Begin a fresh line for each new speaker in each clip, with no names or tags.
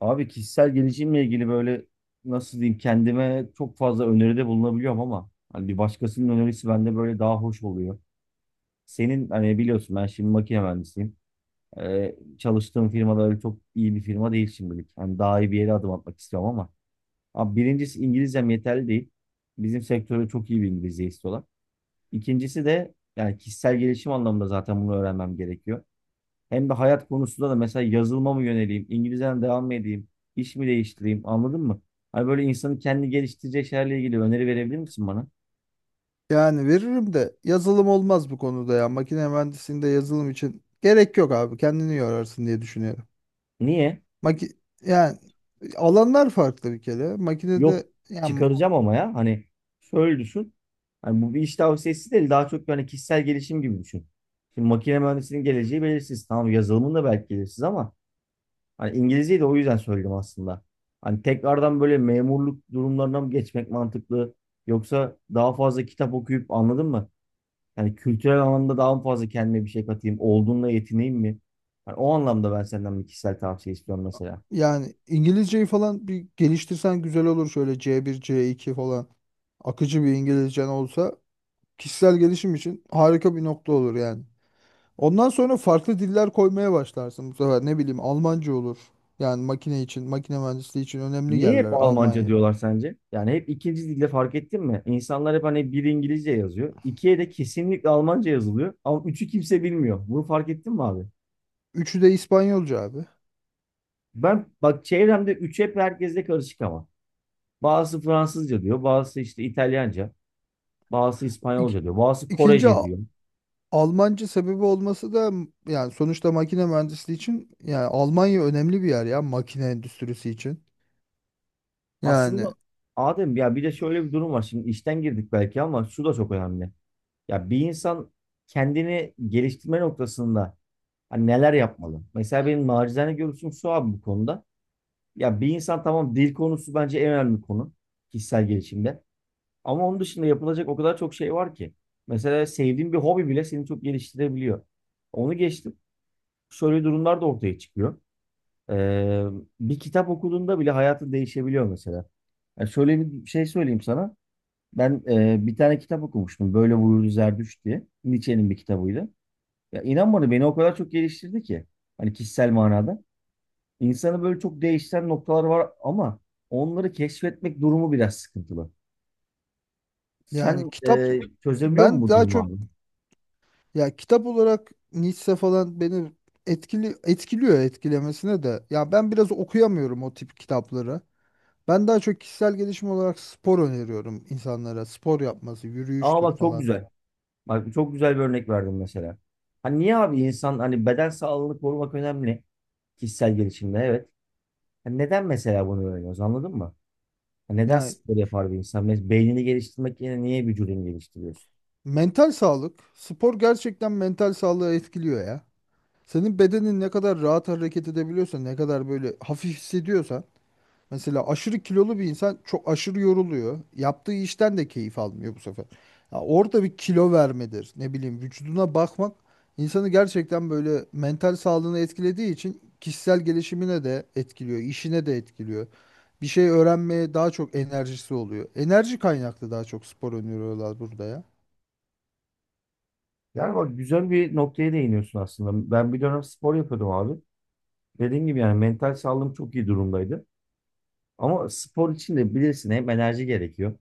Abi kişisel gelişimle ilgili böyle nasıl diyeyim kendime çok fazla öneride bulunabiliyorum ama hani bir başkasının önerisi bende böyle daha hoş oluyor. Senin hani biliyorsun ben şimdi makine mühendisiyim. Çalıştığım firma da öyle çok iyi bir firma değil şimdilik. Hani daha iyi bir yere adım atmak istiyorum ama. Abi birincisi İngilizcem yeterli değil. Bizim sektörde çok iyi bir İngilizce istiyorlar. İkincisi de yani kişisel gelişim anlamında zaten bunu öğrenmem gerekiyor. Hem de hayat konusunda da mesela yazılıma mı yöneleyim, İngilizceden devam mı edeyim, iş mi değiştireyim anladın mı? Hani böyle insanın kendi geliştireceği şeylerle ilgili öneri verebilir misin bana?
Yani veririm de yazılım olmaz bu konuda ya. Makine mühendisliğinde yazılım için gerek yok abi. Kendini yorarsın diye düşünüyorum.
Niye?
Maki yani alanlar farklı bir kere.
Yok
Makinede yani,
çıkaracağım ama ya hani şöyle düşün. Hani bu bir iş tavsiyesi değil daha çok yani kişisel gelişim gibi düşün. Şimdi makine mühendisinin geleceği belirsiz. Tamam yazılımın da belki belirsiz ama hani İngilizceyi de o yüzden söyledim aslında. Hani tekrardan böyle memurluk durumlarına mı geçmek mantıklı? Yoksa daha fazla kitap okuyup anladın mı? Yani kültürel anlamda daha mı fazla kendime bir şey katayım? Olduğunla yetineyim mi? Yani o anlamda ben senden bir kişisel tavsiye istiyorum mesela.
yani İngilizceyi falan bir geliştirsen güzel olur. Şöyle C1, C2 falan akıcı bir İngilizcen olsa kişisel gelişim için harika bir nokta olur yani. Ondan sonra farklı diller koymaya başlarsın bu sefer. Ne bileyim, Almanca olur. Yani makine için, makine mühendisliği için önemli
Niye hep
yerler
Almanca
Almanya.
diyorlar sence? Yani hep ikinci dilde fark ettin mi? İnsanlar hep hani bir İngilizce yazıyor. İkiye de kesinlikle Almanca yazılıyor. Ama üçü kimse bilmiyor. Bunu fark ettin mi abi?
Üçü de İspanyolca abi.
Ben bak çevremde üç hep herkesle karışık ama. Bazısı Fransızca diyor. Bazısı işte İtalyanca. Bazısı
İk,
İspanyolca diyor. Bazısı
ikinci
Korece diyor.
Almanca sebebi olması da yani sonuçta makine mühendisliği için, yani Almanya önemli bir yer ya, makine endüstrisi için. Yani
Aslında Adem ya bir de şöyle bir durum var. Şimdi işten girdik belki ama şu da çok önemli. Ya bir insan kendini geliştirme noktasında hani neler yapmalı? Mesela benim nacizane görüşüm şu abi bu konuda. Ya bir insan tamam dil konusu bence en önemli konu kişisel gelişimde. Ama onun dışında yapılacak o kadar çok şey var ki. Mesela sevdiğin bir hobi bile seni çok geliştirebiliyor. Onu geçtim. Şöyle durumlar da ortaya çıkıyor. Ee, Bir kitap okuduğunda bile hayatın değişebiliyor mesela. Yani şöyle bir şey söyleyeyim sana. Ben bir tane kitap okumuştum. Böyle buyurdu Zerdüşt diye. Nietzsche'nin bir kitabıydı. Ya inan bana beni o kadar çok geliştirdi ki. Hani kişisel manada. İnsanı böyle çok değiştiren noktalar var ama onları keşfetmek durumu biraz sıkıntılı.
yani
Sen
kitap
çözebiliyor musun
ben
bu
daha
durumu
çok
abi?
ya kitap olarak Nietzsche falan beni etkili etkiliyor etkilemesine de. Ya ben biraz okuyamıyorum o tip kitapları. Ben daha çok kişisel gelişim olarak spor öneriyorum insanlara. Spor yapması,
Aa
yürüyüştür
bak çok
falan.
güzel. Bak çok güzel bir örnek verdim mesela. Hani niye abi insan hani beden sağlığını korumak önemli kişisel gelişimde evet. Hani neden mesela bunu öğreniyoruz anladın mı? Hani neden
Yani
spor yapar bir insan? Beynini geliştirmek yerine niye vücudunu geliştiriyorsun?
mental sağlık, spor gerçekten mental sağlığı etkiliyor ya. Senin bedenin ne kadar rahat hareket edebiliyorsa, ne kadar böyle hafif hissediyorsan, mesela aşırı kilolu bir insan çok aşırı yoruluyor. Yaptığı işten de keyif almıyor bu sefer. Ya orada bir kilo vermedir, ne bileyim vücuduna bakmak insanı gerçekten, böyle mental sağlığını etkilediği için, kişisel gelişimine de etkiliyor, işine de etkiliyor. Bir şey öğrenmeye daha çok enerjisi oluyor. Enerji kaynaklı daha çok spor öneriyorlar burada ya.
Yani bak güzel bir noktaya değiniyorsun aslında. Ben bir dönem spor yapıyordum abi. Dediğim gibi yani mental sağlığım çok iyi durumdaydı. Ama spor için de bilirsin hem enerji gerekiyor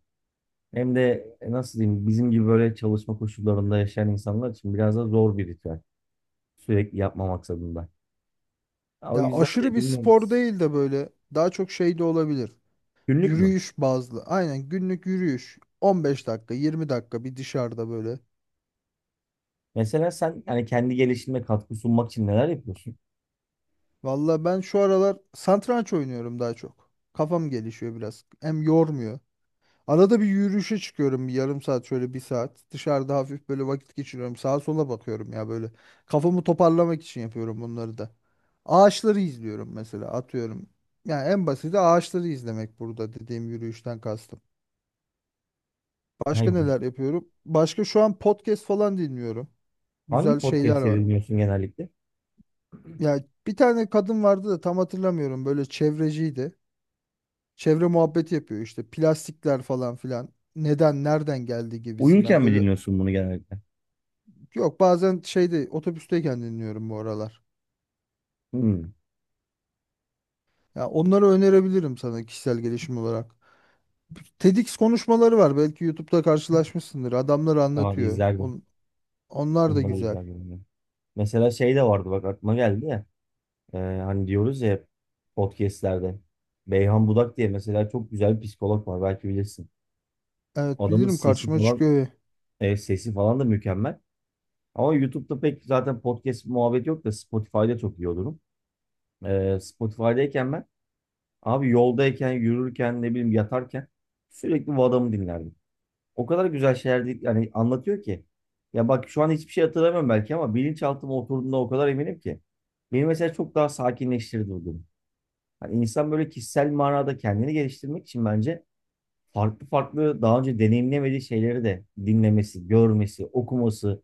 hem de nasıl diyeyim bizim gibi böyle çalışma koşullarında yaşayan insanlar için biraz da zor bir ritüel. Sürekli yapma maksadında. Ya o
Ya
yüzden
aşırı
de
bir
bilmiyorum.
spor değil de böyle daha çok şey de olabilir.
Günlük mü?
Yürüyüş bazlı. Aynen günlük yürüyüş. 15 dakika, 20 dakika bir dışarıda böyle.
Mesela sen yani kendi gelişimine katkı sunmak için neler yapıyorsun?
Valla ben şu aralar satranç oynuyorum daha çok. Kafam gelişiyor biraz. Hem yormuyor. Arada bir yürüyüşe çıkıyorum bir yarım saat, şöyle bir saat. Dışarıda hafif böyle vakit geçiriyorum. Sağa sola bakıyorum ya böyle. Kafamı toparlamak için yapıyorum bunları da. Ağaçları izliyorum mesela, atıyorum. Yani en basiti ağaçları izlemek, burada dediğim yürüyüşten kastım. Başka
Hayır.
neler yapıyorum? Başka şu an podcast falan dinliyorum.
Hangi
Güzel şeyler
podcastleri
var.
dinliyorsun genellikle?
Ya bir tane kadın vardı da tam hatırlamıyorum. Böyle çevreciydi. Çevre muhabbeti yapıyor işte. Plastikler falan filan. Neden, nereden geldi
Uyurken
gibisinden.
mi
Böyle,
dinliyorsun bunu genellikle?
yok, bazen şeyde, otobüsteyken dinliyorum bu aralar.
Hmm.
Ya onları önerebilirim sana kişisel gelişim olarak. TEDx konuşmaları var. Belki YouTube'da karşılaşmışsındır. Adamlar
Aa,
anlatıyor.
izlerdim.
Onlar da
Bunları
güzel.
izlerdim. Ben. Mesela şey de vardı bak aklıma geldi ya. Hani diyoruz ya hep podcastlerde. Beyhan Budak diye mesela çok güzel bir psikolog var belki bilirsin.
Evet,
Adamın
bilirim,
sesi
karşıma
falan
çıkıyor.
sesi falan da mükemmel. Ama YouTube'da pek zaten podcast muhabbet yok da Spotify'da çok iyi olurum. Spotify'dayken ben abi yoldayken, yürürken, ne bileyim yatarken sürekli bu adamı dinlerdim. O kadar güzel şeyler değil, yani anlatıyor ki. Ya bak şu an hiçbir şey hatırlamıyorum belki ama bilinçaltıma oturduğunda o kadar eminim ki. Beni mesela çok daha sakinleştirdi. Hani insan böyle kişisel manada kendini geliştirmek için bence farklı farklı daha önce deneyimlemediği şeyleri de dinlemesi, görmesi, okuması,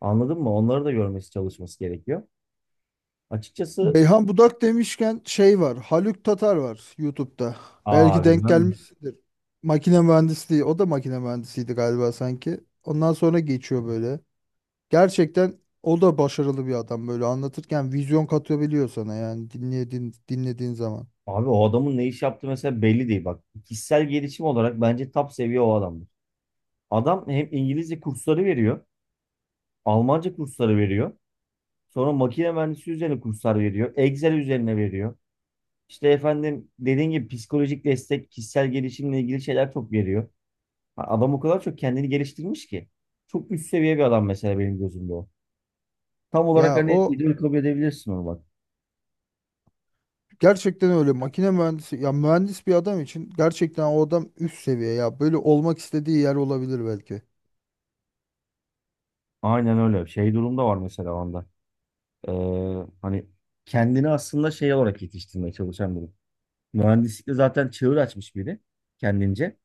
anladın mı? Onları da görmesi, çalışması gerekiyor. Açıkçası
Beyhan Budak demişken şey var. Haluk Tatar var YouTube'da.
aa
Belki denk
bilmem.
gelmişsindir. Makine mühendisliği. O da makine mühendisiydi galiba sanki. Ondan sonra geçiyor böyle. Gerçekten o da başarılı bir adam, böyle anlatırken vizyon katabiliyor sana, yani dinlediğin zaman.
Abi o adamın ne iş yaptığı mesela belli değil. Bak kişisel gelişim olarak bence top seviye o adamdır. Adam hem İngilizce kursları veriyor, Almanca kursları veriyor. Sonra makine mühendisi üzerine kurslar veriyor. Excel üzerine veriyor. İşte efendim dediğin gibi psikolojik destek, kişisel gelişimle ilgili şeyler çok veriyor. Ha, adam o kadar çok kendini geliştirmiş ki. Çok üst seviye bir adam mesela benim gözümde o. Tam olarak
Ya
hani
o
idol kabul edebilirsin onu bak.
gerçekten öyle makine mühendisi ya, mühendis bir adam için gerçekten o adam üst seviye ya, böyle olmak istediği yer olabilir belki.
Aynen öyle. Şey durumda var mesela onda. Ee, hani kendini aslında şey olarak yetiştirmeye çalışan biri. Mühendislikte zaten çığır açmış biri kendince.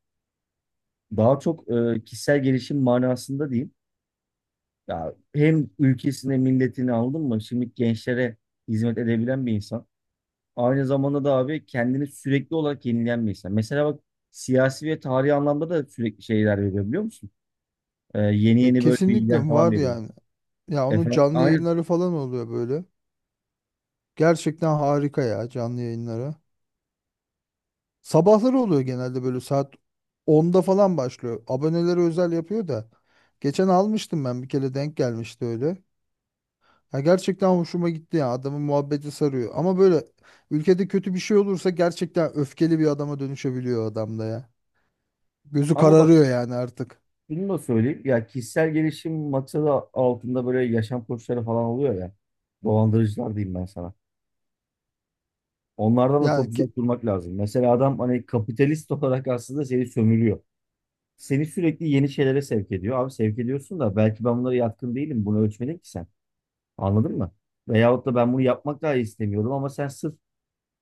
Daha çok kişisel gelişim manasında diyeyim. Ya hem ülkesine, milletini aldın mı? Şimdi gençlere hizmet edebilen bir insan. Aynı zamanda da abi kendini sürekli olarak yenileyen bir insan. Mesela bak siyasi ve tarihi anlamda da sürekli şeyler veriyor biliyor musun? Yeni
Ya
yeni böyle
kesinlikle
bilgiler falan
var
veriyor.
yani. Ya onun
Efendim
canlı
aynen.
yayınları falan oluyor böyle. Gerçekten harika ya canlı yayınları. Sabahları oluyor genelde, böyle saat onda falan başlıyor. Abonelere özel yapıyor da. Geçen almıştım ben bir kere, denk gelmişti öyle. Ya gerçekten hoşuma gitti ya, adamın muhabbeti sarıyor. Ama böyle ülkede kötü bir şey olursa gerçekten öfkeli bir adama dönüşebiliyor adam da ya. Gözü
Ama bak
kararıyor yani artık.
şunu da söyleyeyim. Ya kişisel gelişim maksadı altında böyle yaşam koçları falan oluyor ya. Dolandırıcılar diyeyim ben sana. Onlardan da çok
Yani ki,
uzak durmak lazım. Mesela adam hani kapitalist olarak aslında seni sömürüyor. Seni sürekli yeni şeylere sevk ediyor. Abi sevk ediyorsun da belki ben bunlara yatkın değilim. Bunu ölçmedin ki sen. Anladın mı? Veyahut da ben bunu yapmak dahi istemiyordum ama sen sırf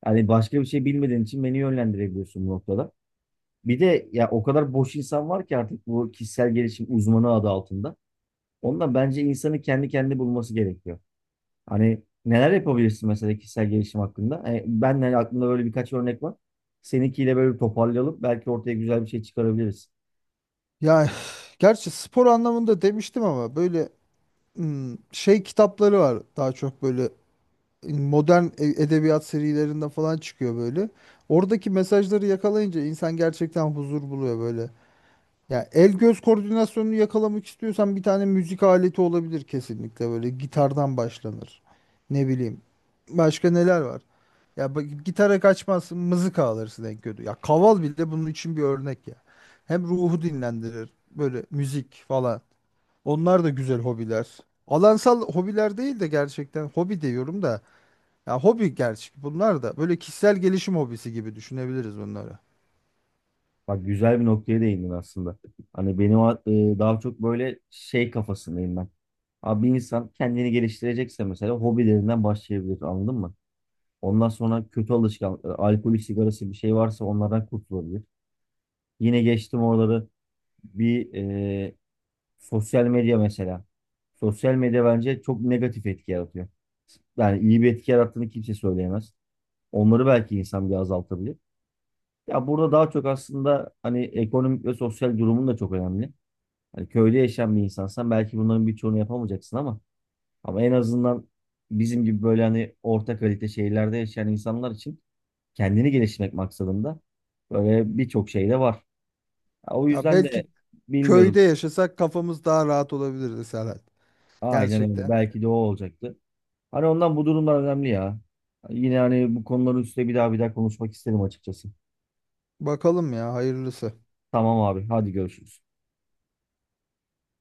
yani başka bir şey bilmediğin için beni yönlendirebiliyorsun bu noktada. Bir de ya o kadar boş insan var ki artık bu kişisel gelişim uzmanı adı altında. Ondan bence insanın kendi bulması gerekiyor. Hani neler yapabilirsin mesela kişisel gelişim hakkında? Hani ben de aklımda böyle birkaç örnek var. Seninkiyle böyle bir toparlayalım. Belki ortaya güzel bir şey çıkarabiliriz.
yani, gerçi spor anlamında demiştim ama böyle, hmm, şey kitapları var daha çok, böyle modern edebiyat serilerinde falan çıkıyor böyle. Oradaki mesajları yakalayınca insan gerçekten huzur buluyor böyle. Ya el göz koordinasyonunu yakalamak istiyorsan bir tane müzik aleti olabilir, kesinlikle böyle gitardan başlanır. Ne bileyim. Başka neler var? Ya bak, gitara kaçmazsın, mızıka alırsın en kötü. Ya kaval bile bunun için bir örnek ya. Hem ruhu dinlendirir böyle müzik falan. Onlar da güzel hobiler. Alansal hobiler değil de gerçekten hobi diyorum da, ya hobi, gerçi bunlar da böyle kişisel gelişim hobisi gibi düşünebiliriz bunları.
Bak güzel bir noktaya değindin aslında. Hani benim daha çok böyle şey kafasındayım ben. Abi bir insan kendini geliştirecekse mesela hobilerinden başlayabilir anladın mı? Ondan sonra kötü alışkanlık, alkolü, sigarası bir şey varsa onlardan kurtulabilir. Yine geçtim oraları bir sosyal medya mesela. Sosyal medya bence çok negatif etki yaratıyor. Yani iyi bir etki yarattığını kimse söyleyemez. Onları belki insan bir azaltabilir. Ya burada daha çok aslında hani ekonomik ve sosyal durumun da çok önemli. Hani köyde yaşayan bir insansan belki bunların birçoğunu yapamayacaksın ama en azından bizim gibi böyle hani orta kalite şehirlerde yaşayan insanlar için kendini geliştirmek maksadında böyle birçok şey de var. Ya o
Ya
yüzden de
belki köyde
bilmiyorum.
yaşasak kafamız daha rahat olabilirdi Serhat.
Aynen öyle.
Gerçekten.
Belki de o olacaktı. Hani ondan bu durumlar önemli ya. Yine hani bu konuların üstüne bir daha bir daha konuşmak isterim açıkçası.
Bakalım ya, hayırlısı.
Tamam abi, hadi görüşürüz.